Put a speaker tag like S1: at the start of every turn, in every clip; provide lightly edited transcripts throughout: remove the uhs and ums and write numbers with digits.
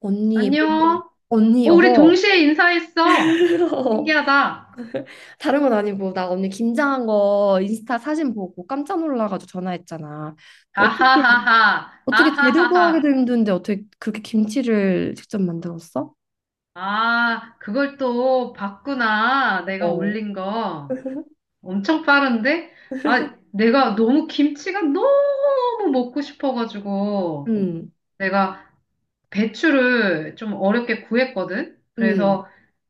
S1: 언니,
S2: 안녕.
S1: 뭔데? 언니,
S2: 어, 우리 동시에 인사했어. 신기하다.
S1: 다른 건 아니고, 나 언니 김장한 거 인스타 사진 보고 깜짝 놀라가지고 전화했잖아. 어떻게,
S2: 아하하하.
S1: 어떻게 재료 구하기도
S2: 아하하하.
S1: 힘든데 어떻게 그렇게 김치를 직접 만들었어?
S2: 아, 그걸 또 봤구나. 내가
S1: 어.
S2: 올린 거. 엄청 빠른데? 아, 내가 너무 김치가 너무 먹고 싶어가지고.
S1: 응,
S2: 내가 배추를 좀 어렵게 구했거든.
S1: 응,
S2: 그래서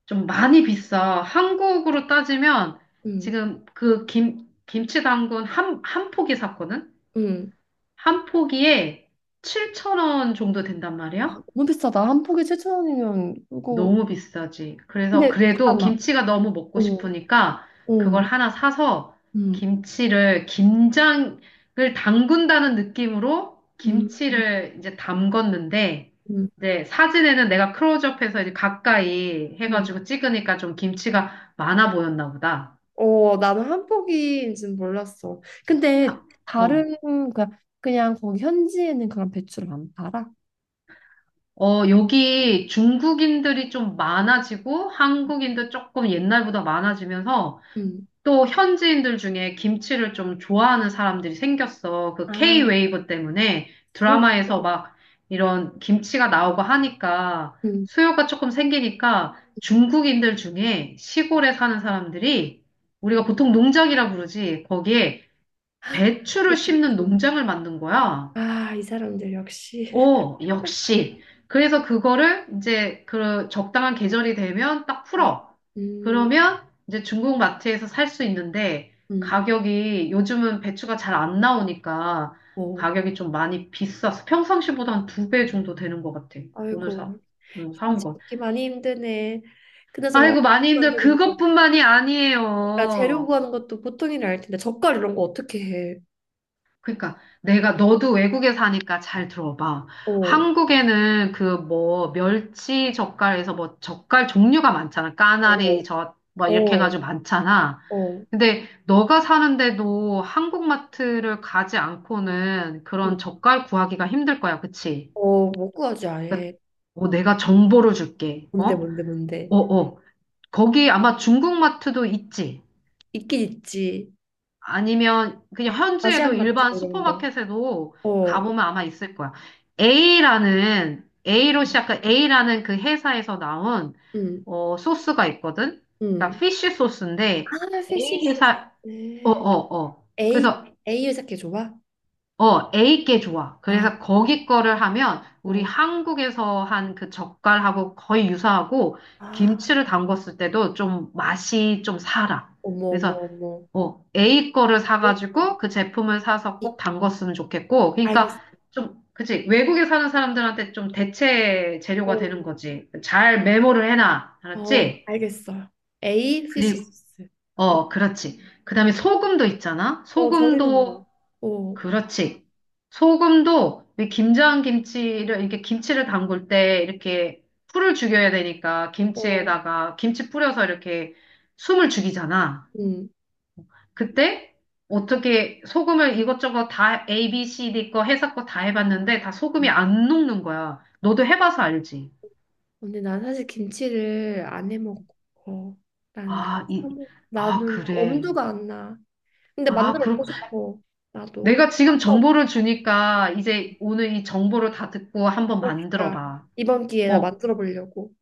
S2: 좀 많이 비싸. 한국으로 따지면
S1: 응,
S2: 지금 그 김치 담근 한, 한 포기 샀거든.
S1: 응.
S2: 한 포기에 7,000원 정도 된단 말이야?
S1: 너무 비싸다. 한 포기 칠천 원이면, 그거.
S2: 너무 비싸지. 그래서
S1: 근데,
S2: 그래도
S1: 잠깐만.
S2: 김치가 너무 먹고
S1: 응,
S2: 싶으니까 그걸
S1: 응,
S2: 하나 사서
S1: 응,
S2: 김장을 담근다는 느낌으로 김치를 이제 담궜는데,
S1: 응,
S2: 이제 사진에는 내가 클로즈업해서 이제 가까이
S1: 응.
S2: 해가지고 찍으니까 좀 김치가 많아 보였나 보다.
S1: 어, 나는 한복인 는 몰랐어. 근데
S2: 하- 어.
S1: 다른 그냥, 그냥 거기 현지에는 그런 배추를 안 팔아?
S2: 어, 여기 중국인들이 좀 많아지고 한국인도 조금 옛날보다 많아지면서
S1: 응.
S2: 또 현지인들 중에 김치를 좀 좋아하는 사람들이 생겼어. 그
S1: 아,
S2: K-웨이브 때문에
S1: 응.
S2: 드라마에서 막 이런 김치가 나오고 하니까
S1: 응.
S2: 수요가 조금 생기니까 중국인들 중에 시골에 사는 사람들이 우리가 보통 농장이라 부르지. 거기에 배추를 심는
S1: 그치.
S2: 농장을 만든 거야.
S1: 아, 이 사람들 역시.
S2: 오, 역시. 그래서 그거를 이제 그 적당한 계절이 되면 딱 풀어.
S1: 음,
S2: 그러면 이제 중국 마트에서 살 수 있는데
S1: 음.
S2: 가격이 요즘은 배추가 잘 안 나오니까
S1: 어,
S2: 가격이 좀 많이 비싸서 평상시보다 한 두 배 정도 되는 것 같아. 오늘 사,
S1: 아이고.
S2: 응, 사온
S1: 김치
S2: 건.
S1: 먹기 많이 힘드네. 그나저나
S2: 아이고,
S1: 어떻게
S2: 많이 힘들어.
S1: 만드는 거야?
S2: 그것뿐만이
S1: 그러니까 재료
S2: 아니에요.
S1: 구하는 것도 보통 일이 아닐 텐데 젓갈 이런 거 어떻게 해?
S2: 그러니까 내가, 너도 외국에 사니까 잘 들어봐.
S1: 어,
S2: 한국에는 그 뭐 멸치 젓갈에서 뭐 젓갈 종류가 많잖아.
S1: 어,
S2: 까나리 젓 뭐 이렇게
S1: 어,
S2: 해가지고 많잖아.
S1: 어,
S2: 근데 너가 사는데도 한국 마트를 가지 않고는
S1: 응.
S2: 그런 젓갈 구하기가 힘들 거야. 그치?
S1: 어, 못 구하지
S2: 그러니까
S1: 아예.
S2: 어, 내가 정보를 줄게. 어?
S1: 뭔데.
S2: 어, 어. 거기 아마 중국 마트도 있지?
S1: 있긴 있지.
S2: 아니면 그냥 현지에도
S1: 아시안 마트
S2: 일반
S1: 뭐 이런 거.
S2: 슈퍼마켓에도
S1: 어,
S2: 가보면 아마 있을 거야. A라는 A로 시작한 A라는 그 회사에서 나온
S1: 응,
S2: 어, 소스가 있거든. 그러니까
S1: 응.
S2: 피쉬 소스인데
S1: 아, 피쉬
S2: A
S1: 소스.
S2: 회사, 어
S1: 네.
S2: 어 어.
S1: A,
S2: 그래서
S1: A 회사께 줘봐.
S2: 어, A께 좋아.
S1: 아,
S2: 그래서 거기 거를 하면 우리
S1: 어,
S2: 한국에서 한 그 젓갈하고 거의 유사하고
S1: 아,
S2: 김치를 담궜을 때도 좀 맛이 좀 살아. 그래서
S1: 어머.
S2: 어, A 거를
S1: A
S2: 사가지고
S1: 거.
S2: 그 제품을 사서
S1: 이-
S2: 꼭 담갔으면 좋겠고.
S1: 알겠어.
S2: 그러니까 좀, 그치, 외국에 사는 사람들한테 좀 대체 재료가
S1: 어,
S2: 되는 거지. 잘 메모를 해놔.
S1: 어,
S2: 알았지?
S1: 알겠어. A 피쉬
S2: 그리고
S1: 소스.
S2: 어,
S1: 오케이.
S2: 그렇지. 그 다음에 소금도 있잖아?
S1: 어, 절이는 거.
S2: 소금도,
S1: 어,
S2: 그렇지. 이 김장 김치를, 이렇게 김치를 담글 때 이렇게 풀을 죽여야 되니까
S1: 어,
S2: 김치에다가 김치 뿌려서 이렇게 숨을 죽이잖아.
S1: 응.
S2: 그때 어떻게 소금을 이것저것 다 A, B, C, D 거 회사 거 다 해봤는데 다
S1: 응.
S2: 소금이 안 녹는 거야. 너도 해봐서 알지.
S1: 근데 난 사실 김치를 안 해 먹고, 나는 그냥
S2: 아, 이,
S1: 사 먹.
S2: 아,
S1: 나는
S2: 그래.
S1: 엄두가 안 나. 근데
S2: 아,
S1: 만들어 보고
S2: 그렇고.
S1: 싶어. 나도.
S2: 내가 지금
S1: 어,
S2: 정보를 주니까 이제 오늘 이 정보를 다 듣고 한번 만들어
S1: 그러니까
S2: 봐.
S1: 이번 기회에 나
S2: 어.
S1: 만들어 보려고.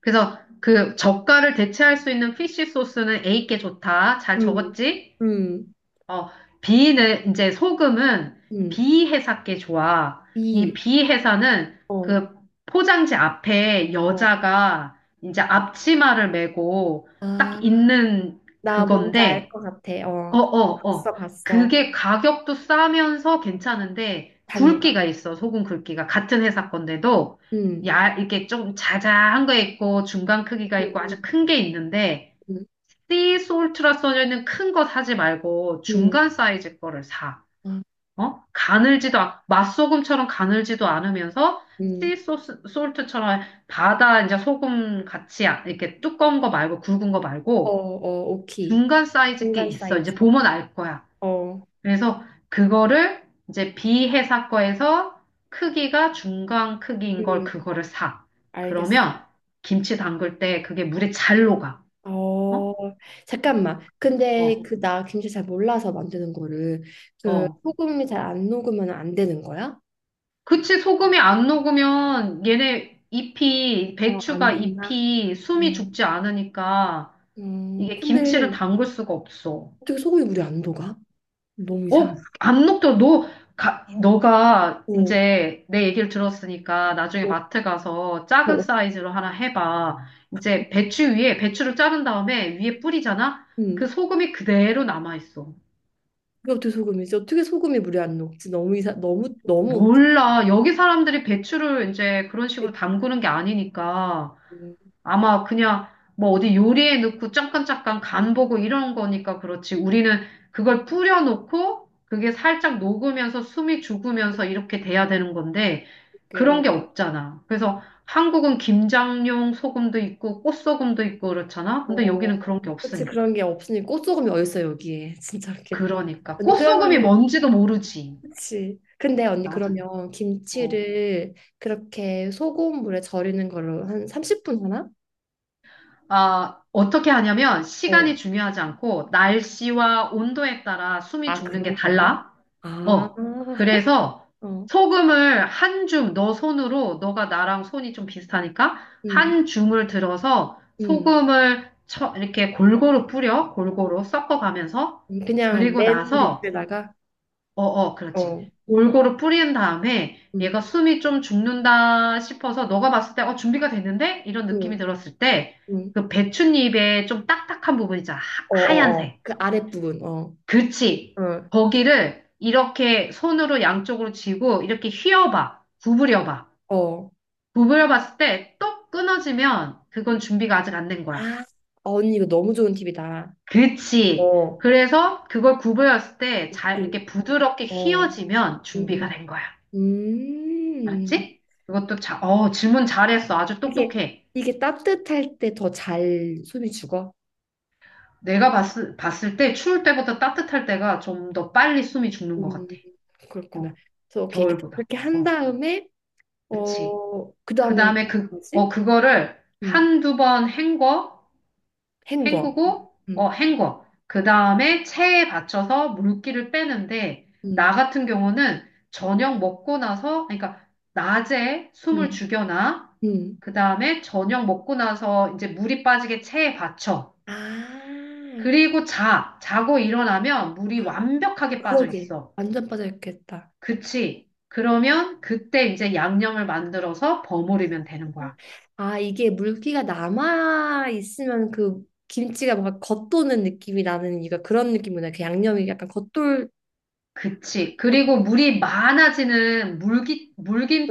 S2: 그래서 그 젓갈을 대체할 수 있는 피쉬 소스는 A께 좋다. 잘
S1: 음.
S2: 적었지?
S1: 음.
S2: 어, B는 이제 소금은
S1: 음.
S2: B 회사께 좋아. 이
S1: 비.
S2: B 회사는
S1: 어.
S2: 그 포장지 앞에
S1: 어.
S2: 여자가 이제 앞치마를 메고
S1: 아,
S2: 딱 있는
S1: 나 뭔지 알
S2: 그건데,
S1: 것 같아.
S2: 어,
S1: 어.
S2: 어, 어.
S1: 봤어.
S2: 그게 가격도 싸면서 괜찮은데
S1: 잘 녹아.
S2: 굵기가 있어. 소금 굵기가 같은 회사 건데도,
S1: 음.
S2: 야, 이게 좀 자자한 거 있고 중간 크기가 있고
S1: 음.
S2: 아주 큰 게 있는데,
S1: 음.
S2: 씨솔트라 써져 있는 큰 거 사지 말고
S1: 음. 음.
S2: 중간 사이즈 거를 사.
S1: 아,
S2: 어? 맛소금처럼 가늘지도 않으면서
S1: 음.
S2: 씨소솔트처럼 바다 이제 소금 같이 이렇게 두꺼운 거 말고 굵은 거 말고
S1: 오키.
S2: 중간 사이즈 게
S1: 중간
S2: 있어.
S1: 사이즈.
S2: 이제 보면 알 거야.
S1: 어.
S2: 그래서 그거를 이제 비회사 거에서 크기가 중간 크기인 걸,
S1: 음.
S2: 그거를 사.
S1: 알겠어.
S2: 그러면 김치 담글 때 그게 물에 잘 녹아.
S1: 어,
S2: 어? 그래서
S1: 잠깐만. 근데
S2: 어,
S1: 그 나 김치 잘 몰라서 만드는 거를 그
S2: 어.
S1: 소금이 잘 안 녹으면 안 되는 거야?
S2: 그치, 소금이 안 녹으면 얘네 잎이,
S1: 어, 안
S2: 배추가
S1: 된다.
S2: 잎이 숨이
S1: 어.
S2: 죽지 않으니까 이게 김치를
S1: 근데
S2: 담글 수가 없어.
S1: 어떻게 소금이 물이 안 녹아? 너무 이상하다.
S2: 어, 안 녹더라. 너가
S1: 어,
S2: 이제 내 얘기를 들었으니까 나중에
S1: 어,
S2: 마트 가서 작은
S1: 어.
S2: 사이즈로 하나 해봐. 배추를 자른 다음에 위에 뿌리잖아?
S1: 음.
S2: 그 소금이 그대로 남아있어.
S1: 그게 어떻게 소금이지? 어떻게 소금이 물이 안 녹지? 너무 너무 웃기
S2: 몰라. 여기 사람들이 배추를 이제 그런
S1: 게
S2: 식으로 담그는 게 아니니까.
S1: 고
S2: 아마 그냥 뭐 어디 요리에 넣고 잠깐잠깐 간 보고 이런 거니까 그렇지. 우리는 그걸 뿌려놓고 그게 살짝 녹으면서 숨이 죽으면서 이렇게 돼야 되는 건데
S1: 그게,
S2: 그런
S1: 어,
S2: 게 없잖아. 그래서 한국은 김장용 소금도 있고 꽃소금도 있고 그렇잖아. 근데
S1: 어.
S2: 여기는 그런 게
S1: 그치
S2: 없으니까.
S1: 그런 게 없으니 꽃소금이 어딨어 여기에. 진짜 웃기다.
S2: 그러니까.
S1: 언니
S2: 꽃소금이
S1: 그러면은
S2: 뭔지도 모르지.
S1: 그치. 근데 언니
S2: 맞아.
S1: 그러면
S2: 어.
S1: 김치를 그렇게 소고물에 절이는 걸로 한 30분 하나?
S2: 아, 어떻게 하냐면
S1: 어.
S2: 시간이 중요하지 않고 날씨와 온도에 따라 숨이
S1: 아,
S2: 죽는 게
S1: 그런 거야?
S2: 달라.
S1: 아,
S2: 어, 그래서
S1: 어.
S2: 소금을 한 줌, 너 손으로, 너가 나랑 손이 좀 비슷하니까,
S1: 음,
S2: 한 줌을 들어서
S1: 음.
S2: 소금을 쳐, 이렇게 골고루 뿌려, 골고루 섞어가면서.
S1: 그냥
S2: 그리고
S1: 맨
S2: 나서,
S1: 밑에다가
S2: 어, 어, 그렇지.
S1: 어.
S2: 골고루 뿌린 다음에, 얘가
S1: 음,
S2: 숨이 좀 죽는다 싶어서, 너가 봤을 때, 어, 준비가 됐는데? 이런 느낌이
S1: 음,
S2: 들었을 때,
S1: 음.
S2: 그 배춧잎에 좀 딱딱한 부분 있잖아.
S1: 어.
S2: 하얀색.
S1: 그 아랫부분. 어.
S2: 그치.
S1: 어.
S2: 거기를 이렇게 손으로 양쪽으로 쥐고 이렇게 휘어봐. 구부려봐.
S1: 어.
S2: 구부려봤을 때 똑 끊어지면 그건 준비가 아직 안 된 거야.
S1: 아, 언니 이거 너무 좋은 팁이다.
S2: 그치.
S1: 어.
S2: 그래서 그걸 구부렸을 때 잘
S1: 오케이.
S2: 이렇게 부드럽게
S1: 어.
S2: 휘어지면
S1: 음,
S2: 준비가
S1: 음.
S2: 된 거야.
S1: 음.
S2: 알았지? 그것도 자, 어, 질문 잘했어. 아주
S1: 이게
S2: 똑똑해.
S1: 이게 따뜻할 때 더 잘 손이 죽어.
S2: 내가 봤을 때 추울 때보다 따뜻할 때가 좀 더 빨리 숨이 죽는 것
S1: 음,
S2: 같아.
S1: 그렇구나.
S2: 어,
S1: 그래서 오케이
S2: 겨울보다.
S1: 그렇게 한
S2: 어,
S1: 다음에
S2: 그치.
S1: 어
S2: 그
S1: 그다음에
S2: 다음에 그, 어,
S1: 뭐지?
S2: 그거를
S1: 음,
S2: 한두 번 헹궈,
S1: 헹궈.
S2: 헹구고,
S1: 음,
S2: 어, 헹궈. 그 다음에 체에 받쳐서 물기를 빼는데, 나
S1: 음,
S2: 같은 경우는 저녁 먹고 나서, 그러니까 낮에 숨을
S1: 음,
S2: 죽여놔.
S1: 음.
S2: 그 다음에 저녁 먹고 나서 이제 물이 빠지게 체에 받쳐.
S1: 아,
S2: 그리고 자. 자고 일어나면 물이 완벽하게 빠져
S1: 그러게.
S2: 있어.
S1: 완전 빠져 있겠다.
S2: 그치? 그러면 그때 이제 양념을 만들어서 버무리면 되는 거야.
S1: 아, 이게 물기가 남아 있으면 그 김치가 뭔가 겉도는 느낌이 나는 이유가 그런 느낌이구나. 그 양념이 약간 겉돌
S2: 그치.
S1: 겉,
S2: 그리고 물이 많아지는 물기,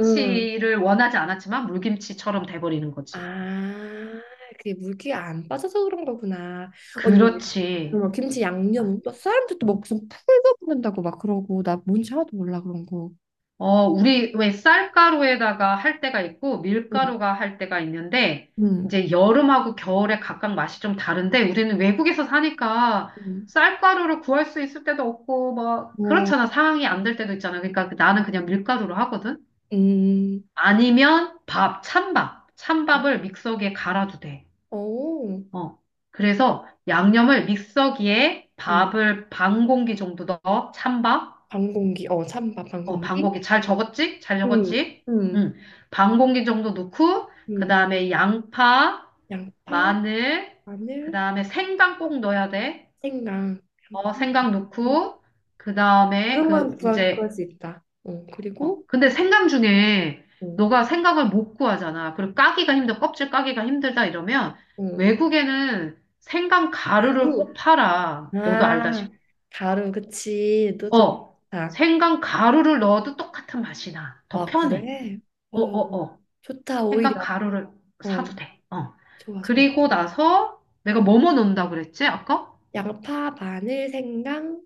S1: 음.
S2: 원하지 않았지만 물김치처럼 돼버리는 거지.
S1: 아, 그게 물기가 안 빠져서 그런 거구나. 언니,
S2: 그렇지.
S1: 그러면 김치 양념은 또 사람들 또막 무슨 풀도 붓는다고 막 그러고 나 뭔지 하나도 몰라 그런 거.
S2: 어, 우리 왜 쌀가루에다가 할 때가 있고
S1: 응,
S2: 밀가루가 할 때가 있는데
S1: 응,
S2: 이제 여름하고 겨울에 각각 맛이 좀 다른데 우리는 외국에서 사니까
S1: 응.
S2: 쌀가루를 구할 수 있을 때도 없고 막
S1: 뭐,
S2: 그렇잖아. 상황이 안 될 때도 있잖아. 그러니까 그 나는 그냥 밀가루로 하거든.
S1: 음,
S2: 아니면 밥, 찬밥.
S1: 어,
S2: 찬밥을 믹서기에 갈아도 돼.
S1: 어,
S2: 어. 그래서 양념을 믹서기에
S1: 음,
S2: 밥을 반 공기 정도 넣어. 찬밥.
S1: 반공기, 어, 찬밥
S2: 어, 반
S1: 반공기.
S2: 공기. 잘 적었지? 잘
S1: 응,
S2: 적었지?
S1: 응,
S2: 응. 반 공기 정도 넣고, 그
S1: 응.
S2: 다음에 양파,
S1: 양파,
S2: 마늘, 그
S1: 마늘,
S2: 다음에 생강 꼭 넣어야 돼.
S1: 생강,
S2: 어,
S1: 양파.
S2: 생강
S1: 음.
S2: 넣고, 그 다음에
S1: 그런 건
S2: 그,
S1: 구할 구할
S2: 이제
S1: 수 있다. 어, 그리고,
S2: 어, 근데 생강 중에
S1: 어,
S2: 너가 생강을 못 구하잖아. 그리고 까기가 힘들어. 껍질 까기가 힘들다 이러면
S1: 어,
S2: 외국에는 생강 가루를 꼭
S1: 가루.
S2: 팔아. 너도 알다시피.
S1: 아, 가루, 그치. 너 좋다.
S2: 어, 생강 가루를 넣어도 똑같은 맛이 나. 더
S1: 아,
S2: 편해.
S1: 그래?
S2: 어,
S1: 어,
S2: 어, 어.
S1: 좋다,
S2: 생강
S1: 오히려.
S2: 가루를 사도
S1: 어,
S2: 돼. 어.
S1: 좋아.
S2: 그리고 나서 내가 뭐뭐 넣는다 그랬지? 아까?
S1: 양파, 마늘, 생강,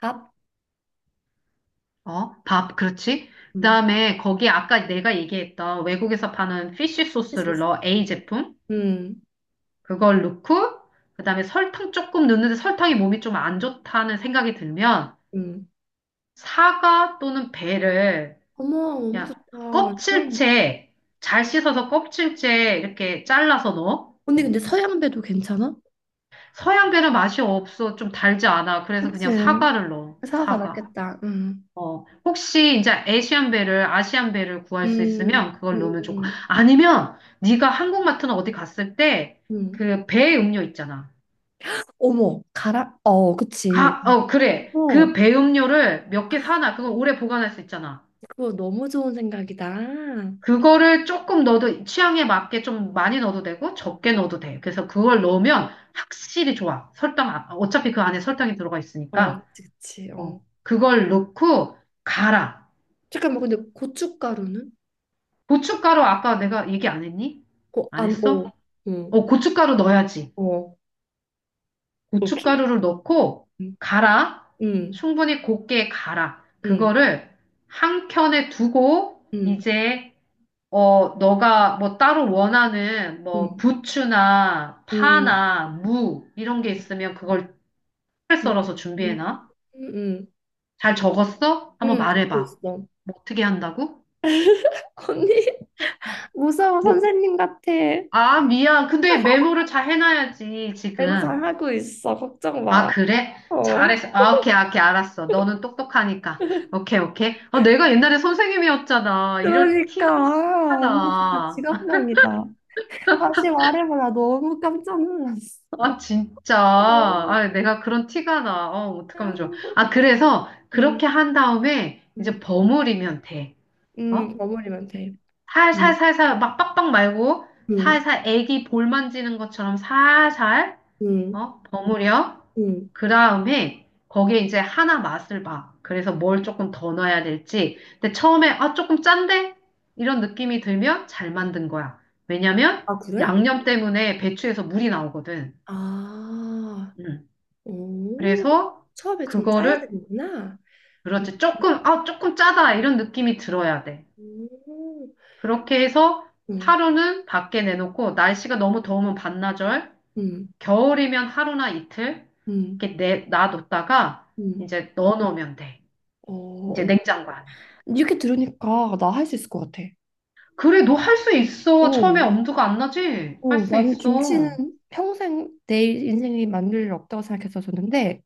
S1: 밥.
S2: 어, 밥, 그렇지.
S1: 음,
S2: 그다음에 거기 아까 내가 얘기했던 외국에서 파는 피쉬 소스를
S1: 소스.
S2: 넣어. A 제품.
S1: 음,
S2: 그걸 넣고 그다음에 설탕 조금 넣는데 설탕이 몸이 좀 안 좋다는 생각이 들면
S1: 음.
S2: 사과 또는 배를
S1: 어머, 너무
S2: 그냥
S1: 좋다. 완전.
S2: 껍질째, 잘 씻어서 껍질째 이렇게 잘라서 넣어.
S1: 언니, 근데 서양배도 괜찮아?
S2: 서양배는 맛이 없어. 좀 달지 않아. 그래서 그냥
S1: 그치.
S2: 사과를 넣어.
S1: 사과가
S2: 사과.
S1: 낫겠다.
S2: 어, 혹시 이제 아시안배를 구할 수
S1: 음,
S2: 있으면
S1: 음,
S2: 그걸 넣으면 좋고
S1: 음.
S2: 아니면 네가 한국 마트나 어디 갔을 때
S1: 음.
S2: 그 배 음료 있잖아.
S1: 어머, 가라. 어, 그치.
S2: 아, 어, 그래.
S1: 어,
S2: 그 배음료를 몇 개 사놔. 그거 오래 보관할 수 있잖아.
S1: 그거 너무 좋은 생각이다.
S2: 그거를 조금 넣어도, 취향에 맞게 좀 많이 넣어도 되고 적게 넣어도 돼. 그래서 그걸 넣으면 확실히 좋아. 어차피 그 안에 설탕이 들어가
S1: 어,
S2: 있으니까.
S1: 그치. 어.
S2: 어, 그걸 넣고 갈아.
S1: 잠깐만, 근데 고춧가루는?
S2: 고춧가루 아까 내가 얘기 안 했니?
S1: 어,
S2: 안
S1: 안, 어,
S2: 했어?
S1: 어,
S2: 어, 고춧가루 넣어야지.
S1: 어, 오케이.
S2: 고춧가루를 넣고
S1: 음,
S2: 갈아.
S1: 음,
S2: 충분히 곱게 갈아.
S1: 음,
S2: 그거를 한 켠에 두고
S1: 음,
S2: 이제 어, 너가 뭐 따로 원하는 뭐
S1: 음,
S2: 부추나
S1: 음,
S2: 파나 무 이런 게 있으면 그걸 잘
S1: 음,
S2: 썰어서
S1: 음,
S2: 준비해놔.
S1: 음, 음,
S2: 잘 적었어? 한번
S1: 듣고
S2: 말해봐.
S1: 있어.
S2: 뭐 어떻게 한다고?
S1: 언니,
S2: 어,
S1: 무서워,
S2: 뭐,
S1: 선생님 같아.
S2: 아, 미안. 근데 메모를 잘 해놔야지,
S1: 너무
S2: 지금.
S1: 잘하고 있어, 걱정
S2: 아,
S1: 마.
S2: 그래?
S1: 어,
S2: 잘했어. 아, 오케이, 오케이, 알았어. 너는 똑똑하니까. 오케이, 오케이. 아, 내가 옛날에 선생님이었잖아. 이럴 티가
S1: 그러니까,
S2: 막
S1: 아,
S2: 티가
S1: 언니 진짜
S2: 나.
S1: 직업병이다. 다시 말해봐라, 너무 깜짝 놀랐어.
S2: 아, 진짜.
S1: 너무,
S2: 아, 내가 그런 티가 나. 어, 어떡하면 좋아. 아, 그래서
S1: 음,
S2: 그렇게 한 다음에
S1: 음,
S2: 이제 버무리면 돼. 어?
S1: 버무리면 돼. 음,
S2: 살살살살, 막 빡빡 말고,
S1: 음,
S2: 살살 애기 볼 만지는 것처럼 살살,
S1: 음.
S2: 어? 버무려.
S1: 음.
S2: 그 다음에 거기에 이제 하나 맛을 봐. 그래서 뭘 조금 더 넣어야 될지. 근데 처음에, 아, 조금 짠데? 이런 느낌이 들면 잘 만든 거야. 왜냐면
S1: 아, 그래?
S2: 양념 때문에 배추에서 물이 나오거든.
S1: 아,
S2: 음.
S1: 오,
S2: 그래서
S1: 처음에 좀 짜야
S2: 그거를
S1: 되는구나.
S2: 그렇지, 조금, 아, 조금 짜다 이런 느낌이 들어야 돼.
S1: 음,
S2: 그렇게 해서
S1: 음,
S2: 하루는 밖에 내놓고 날씨가 너무 더우면 반나절,
S1: 음,
S2: 겨울이면 하루나 이틀
S1: 음,
S2: 이렇게 내 놔뒀다가
S1: 음.
S2: 이제 넣어놓으면 돼.
S1: 어,
S2: 이제
S1: 언-
S2: 냉장고 안에.
S1: 이렇게 들으니까 나 할 수 있을 것 같아.
S2: 그래 너 할 수 있어. 처음에
S1: 오,
S2: 엄두가 안 나지? 할
S1: 오,
S2: 수
S1: 나는 김치는
S2: 있어.
S1: 평생 내 인생이 만들 일 없다고 생각했었었는데,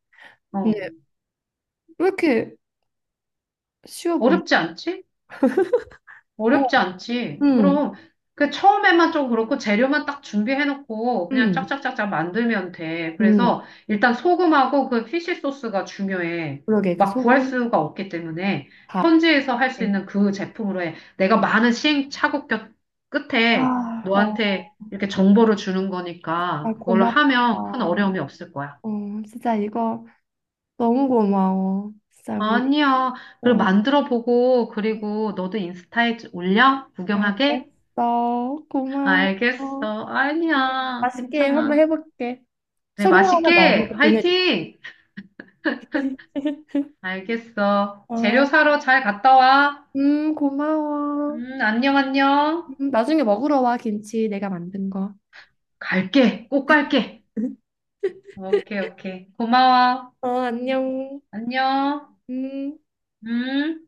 S2: 어
S1: 근데 왜 이렇게 쉬워 보이지?
S2: 어렵지 않지?
S1: 오,
S2: 어렵지 않지.
S1: 음,
S2: 그럼 그 처음에만 좀 그렇고 재료만 딱 준비해놓고 그냥
S1: 음,
S2: 짝짝짝짝 만들면 돼.
S1: 음.
S2: 그래서 일단 소금하고 그 피쉬 소스가 중요해.
S1: 그러게, 그
S2: 막 구할
S1: 소금,
S2: 수가 없기 때문에
S1: 밥.
S2: 현지에서 할 수
S1: 네.
S2: 있는 그 제품으로 해. 내가
S1: 음.
S2: 많은 시행착오 끝에
S1: 아, 어,
S2: 너한테 이렇게 정보를 주는
S1: 아,
S2: 거니까 그걸로
S1: 고맙다.
S2: 하면 큰 어려움이 없을 거야.
S1: 어, 진짜 이거. 너무 고마워. 진짜 우리
S2: 아니야. 그리고
S1: 꼭
S2: 만들어 보고, 그리고 너도 인스타에 올려? 구경하게?
S1: 알겠어. 고마워.
S2: 알겠어.
S1: 음,
S2: 아니야.
S1: 맛있게 한번
S2: 괜찮아.
S1: 해볼게.
S2: 그래,
S1: 성공하면
S2: 맛있게.
S1: 너한테 보내줘
S2: 화이팅! 알겠어. 재료
S1: 어,
S2: 사러 잘 갔다 와.
S1: 고마워.
S2: 안녕, 안녕.
S1: 나중에 먹으러 와, 김치 내가 만든 거.
S2: 갈게. 꼭 갈게. 오케이, 오케이. 고마워.
S1: 어, 안녕.
S2: 안녕.
S1: 음.
S2: 음.